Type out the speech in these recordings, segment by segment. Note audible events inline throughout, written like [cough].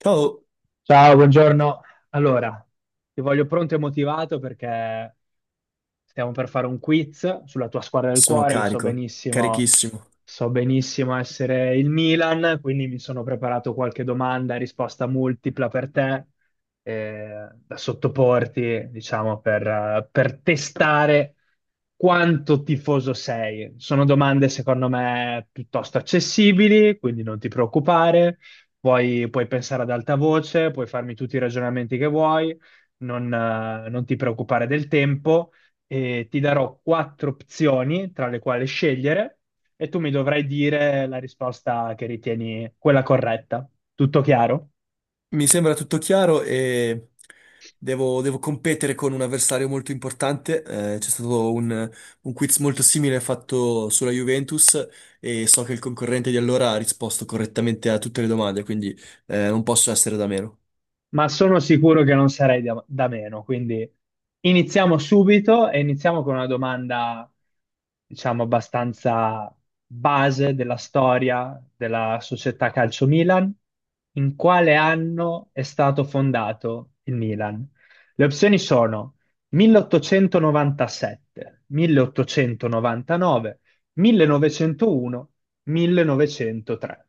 Ciao, Ciao, buongiorno. Allora, ti voglio pronto e motivato perché stiamo per fare un quiz sulla tua squadra del sono cuore, che carico, carichissimo. so benissimo essere il Milan, quindi mi sono preparato qualche domanda e risposta multipla per te, da sottoporti, diciamo, per testare quanto tifoso sei. Sono domande, secondo me, piuttosto accessibili, quindi non ti preoccupare. Puoi pensare ad alta voce, puoi farmi tutti i ragionamenti che vuoi, non ti preoccupare del tempo e ti darò quattro opzioni tra le quali scegliere e tu mi dovrai dire la risposta che ritieni quella corretta. Tutto chiaro? Mi sembra tutto chiaro e devo competere con un avversario molto importante. C'è stato un quiz molto simile fatto sulla Juventus e so che il concorrente di allora ha risposto correttamente a tutte le domande, quindi non posso essere da meno. Ma sono sicuro che non sarei da meno. Quindi iniziamo subito e iniziamo con una domanda, diciamo, abbastanza base della storia della società Calcio Milan. In quale anno è stato fondato il Milan? Le opzioni sono 1897, 1899, 1901, 1903.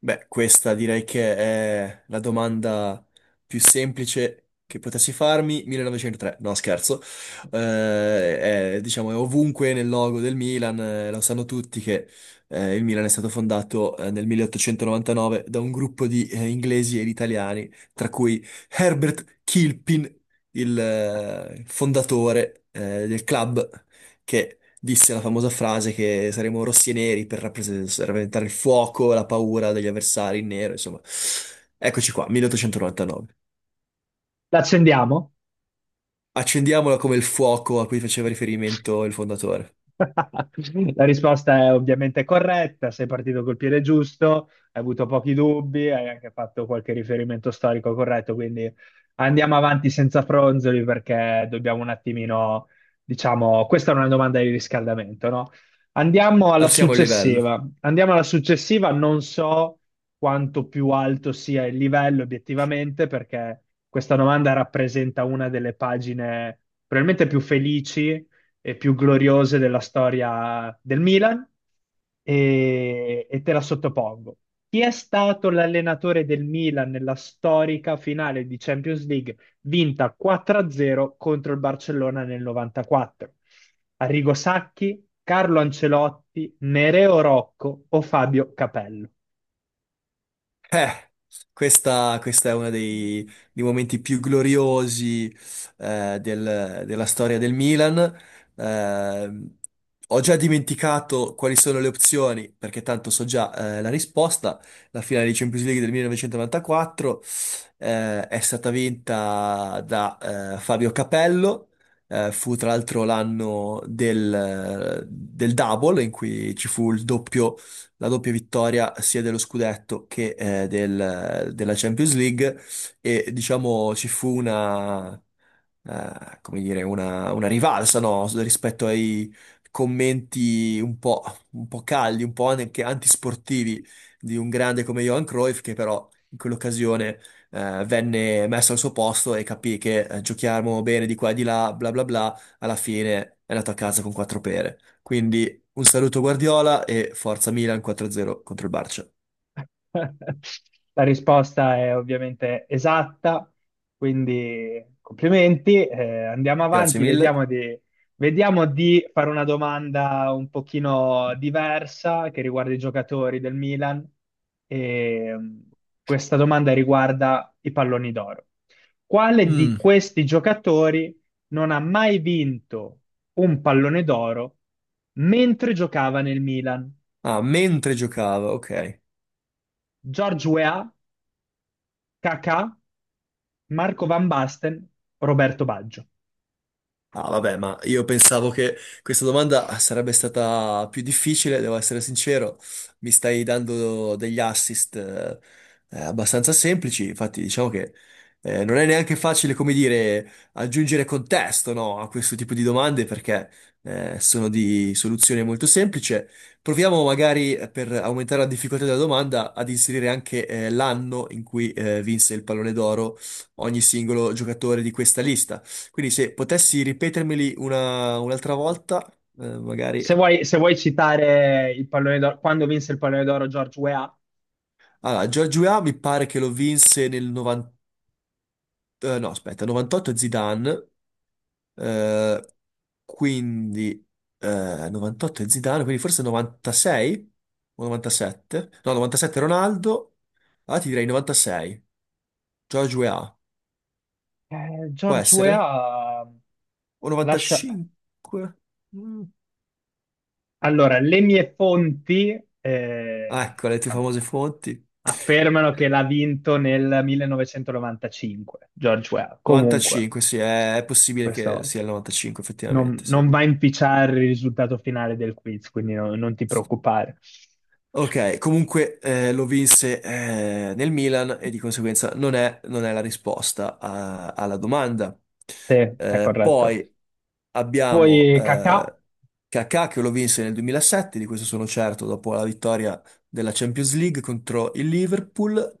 Beh, questa direi che è la domanda più semplice che potessi farmi, 1903, no scherzo. È, diciamo, è ovunque nel logo del Milan, lo sanno tutti che il Milan è stato fondato nel 1899 da un gruppo di inglesi ed italiani, tra cui Herbert Kilpin, il fondatore del club, che disse la famosa frase che saremo rossi e neri per rappresentare il fuoco, la paura degli avversari in nero, insomma. Eccoci qua, 1899. L'accendiamo? Accendiamola come il fuoco a cui faceva riferimento il fondatore. [laughs] La risposta è ovviamente corretta, sei partito col piede giusto, hai avuto pochi dubbi, hai anche fatto qualche riferimento storico corretto, quindi andiamo avanti senza fronzoli perché dobbiamo un attimino, diciamo, questa è una domanda di riscaldamento, no? Andiamo alla Alziamo il livello. successiva. Andiamo alla successiva, non so quanto più alto sia il livello obiettivamente perché questa domanda rappresenta una delle pagine probabilmente più felici, più gloriose della storia del Milan e te la sottopongo. Chi è stato l'allenatore del Milan nella storica finale di Champions League vinta 4-0 contro il Barcellona nel 94? Arrigo Sacchi, Carlo Ancelotti, Nereo Rocco o Fabio Capello? Eh, questa è uno dei momenti più gloriosi della storia del Milan. Eh, Ho già dimenticato quali sono le opzioni, perché tanto so già la risposta. La finale di Champions League del 1994 è stata vinta da Fabio Capello. Fu tra l'altro l'anno del double, in cui ci fu il doppio la doppia vittoria sia dello scudetto che della Champions League e diciamo ci fu una, come dire, una rivalsa, no, rispetto ai commenti un po' caldi, un po' anche antisportivi di un grande come Johan Cruyff che però in quell'occasione venne messo al suo posto e capì che giochiamo bene di qua e di là, bla bla bla, alla fine è andato a casa con quattro pere. Quindi un saluto Guardiola e forza Milan 4-0 contro il Barça. La risposta è ovviamente esatta, quindi complimenti. Andiamo Grazie avanti, mille. Vediamo di fare una domanda un pochino diversa che riguarda i giocatori del Milan. E, questa domanda riguarda i palloni d'oro. Quale di Mm. questi giocatori non ha mai vinto un pallone d'oro mentre giocava nel Milan? Ah, mentre giocava, ok. George Weah, Kakà, Marco Van Basten, Roberto Baggio. Ah, vabbè, ma io pensavo che questa domanda sarebbe stata più difficile, devo essere sincero. Mi stai dando degli assist abbastanza semplici, infatti diciamo che non è neanche facile, come dire, aggiungere contesto, no, a questo tipo di domande perché sono di soluzione molto semplice. Proviamo magari, per aumentare la difficoltà della domanda, ad inserire anche l'anno in cui vinse il pallone d'oro ogni singolo giocatore di questa lista. Quindi se potessi ripetermeli un'altra volta, magari... Se vuoi citare il pallone d'oro, quando vinse il pallone d'oro George Weah, Allora, George Weah mi pare che lo vinse nel 90... no, aspetta, 98 Zidane, eh, quindi... 98 è Zidane, quindi forse 96 o 97? No, 97 Ronaldo, allora ti direi 96. George Weah, eh, può George essere? Weah eh, O lascia... 95? Mm. Allora, le mie fonti, Ah, ecco, le tue diciamo, famose fonti. affermano che l'ha vinto nel 1995, George Weah. Comunque, 95, sì, è possibile che questo sia il 95, effettivamente, sì. non va a inficiare il risultato finale del quiz, quindi non ti preoccupare. Ok, comunque lo vinse nel Milan e di conseguenza non è la risposta alla domanda. Sì, è corretto. Poi abbiamo Poi Kakà. Kakà che lo vinse nel 2007, di questo sono certo, dopo la vittoria della Champions League contro il Liverpool.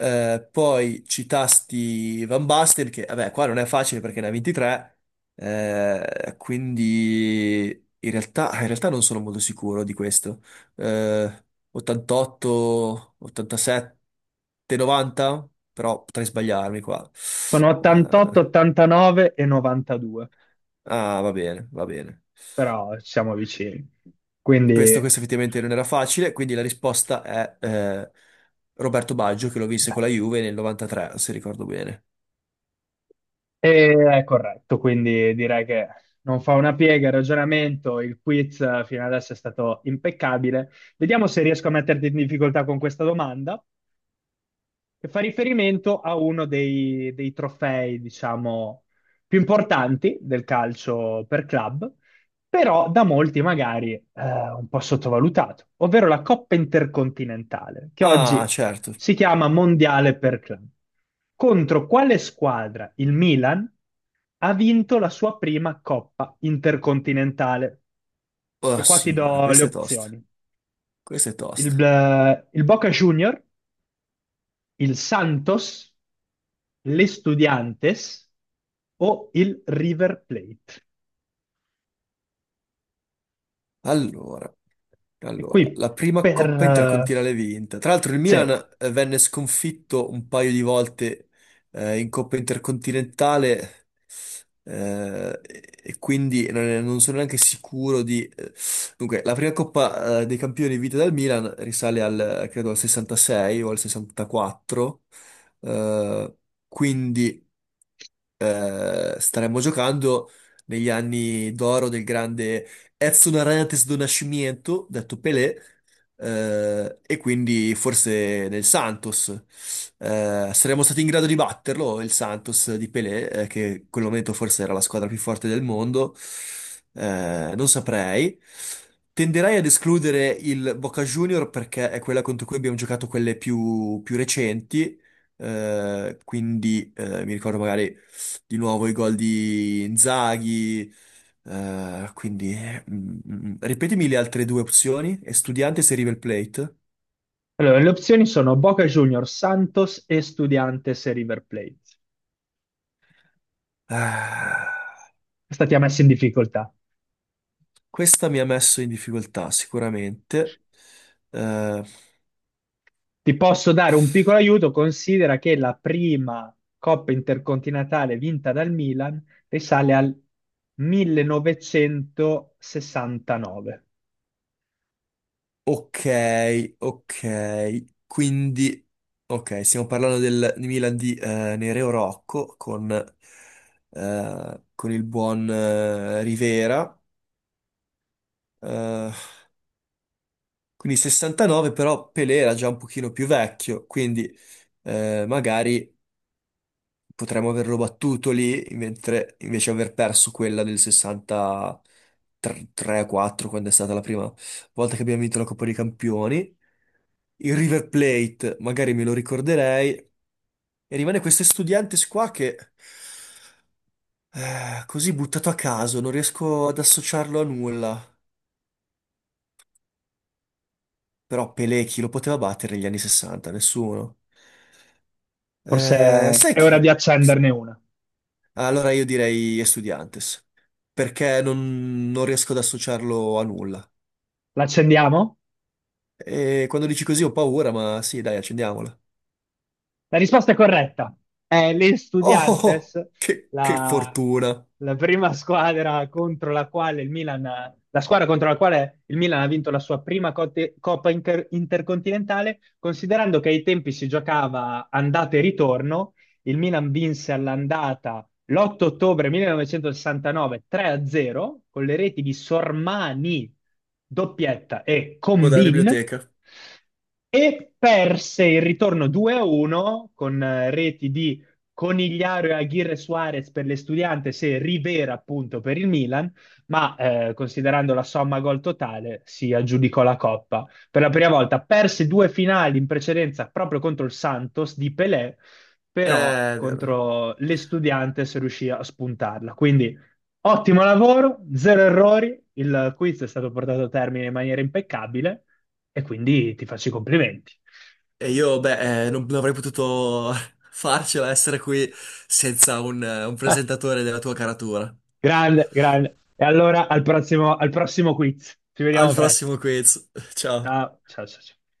Poi citasti Van Basten, che vabbè, qua non è facile perché ne ha 23, quindi in realtà non sono molto sicuro di questo. eh, 88, 87, 90, però potrei sbagliarmi qua. Sono 88, Eh, 89 e 92, ah, va bene, va bene. però siamo vicini. Questo, Quindi questo effettivamente non era facile, quindi la risposta è Roberto Baggio che lo vinse con la Juve nel 93, se ricordo bene. È corretto, quindi direi che non fa una piega il ragionamento. Il quiz, fino adesso è stato impeccabile. Vediamo se riesco a metterti in difficoltà con questa domanda che fa riferimento a uno dei trofei, diciamo, più importanti del calcio per club, però da molti magari, un po' sottovalutato, ovvero la Coppa Intercontinentale, che Ah, oggi certo. si chiama Mondiale per club. Contro quale squadra il Milan ha vinto la sua prima Coppa Intercontinentale? E Oh, qua ti signora, do le questa è tosta. opzioni. Questa è Il, tosta. il Boca Junior, il Santos, l'Estudiantes o il River Plate. Allora, E allora, qui la prima per... Coppa Intercontinentale vinta. Tra l'altro il Milan se- venne sconfitto un paio di volte in Coppa Intercontinentale, e quindi non sono neanche sicuro di... Dunque, la prima Coppa dei Campioni vinta dal Milan risale credo, al 66 o al 64, eh, quindi staremmo giocando negli anni d'oro del grande Edson Arantes do Nascimento, detto Pelé. E quindi forse nel Santos. Saremmo stati in grado di batterlo, il Santos di Pelé, che in quel momento forse era la squadra più forte del mondo. Non saprei. Tenderei ad escludere il Boca Junior perché è quella contro cui abbiamo giocato quelle più recenti. Quindi mi ricordo magari di nuovo i gol di Inzaghi, quindi ripetimi le altre due opzioni, Estudiantes e River Plate. Allora, le opzioni sono Boca Juniors, Santos, Estudiantes e River Plate. Ah, Questa ti ha messo in difficoltà. questa mi ha messo in difficoltà sicuramente. Eh, Ti posso dare un piccolo aiuto, considera che la prima Coppa Intercontinentale vinta dal Milan risale al 1969. ok, ok, quindi ok, stiamo parlando del Milan di Nereo Rocco con il buon Rivera. Eh, Quindi 69, però Pelé era già un pochino più vecchio, quindi magari potremmo averlo battuto lì, mentre invece aver perso quella del 63-4, quando è stata la prima volta che abbiamo vinto la Coppa dei Campioni. Il River Plate, magari me lo ricorderei. E rimane questo Estudiantes qua che, così buttato a caso, non riesco ad associarlo a nulla. Però Pelé chi lo poteva battere negli anni 60? Nessuno. Forse Sai è ora chi? di accenderne una. Allora io direi Estudiantes, perché non riesco ad associarlo a nulla. L'accendiamo? E quando dici così ho paura, ma sì, dai, accendiamola. [laughs] La risposta è corretta. È gli Oh, oh, oh, Estudiantes, che la, fortuna! la prima squadra contro la quale il Milan, la squadra contro la quale il Milan ha vinto la sua prima Intercontinentale, considerando che ai tempi si giocava andata e ritorno. Il Milan vinse all'andata l'8 ottobre 1969, 3-0, con le reti di Sormani, doppietta, e Quella della Combin, biblioteca. e perse il ritorno 2-1 con reti di Conigliaro e Aguirre Suarez per l'Estudiantes e Rivera appunto per il Milan, ma, considerando la somma gol totale si aggiudicò la Coppa. Per la prima volta perse due finali in precedenza proprio contro il Santos di Pelé, però Eh, contro l'Estudiantes riuscì a spuntarla. Quindi ottimo lavoro, zero errori, il quiz è stato portato a termine in maniera impeccabile e quindi ti faccio i complimenti. e io, beh, non avrei potuto [laughs] farcela essere qui senza un Ah, presentatore della tua caratura. grande, grande. E allora al prossimo quiz. Ci Al vediamo presto. prossimo quiz. Ciao. Ciao, ciao, ciao.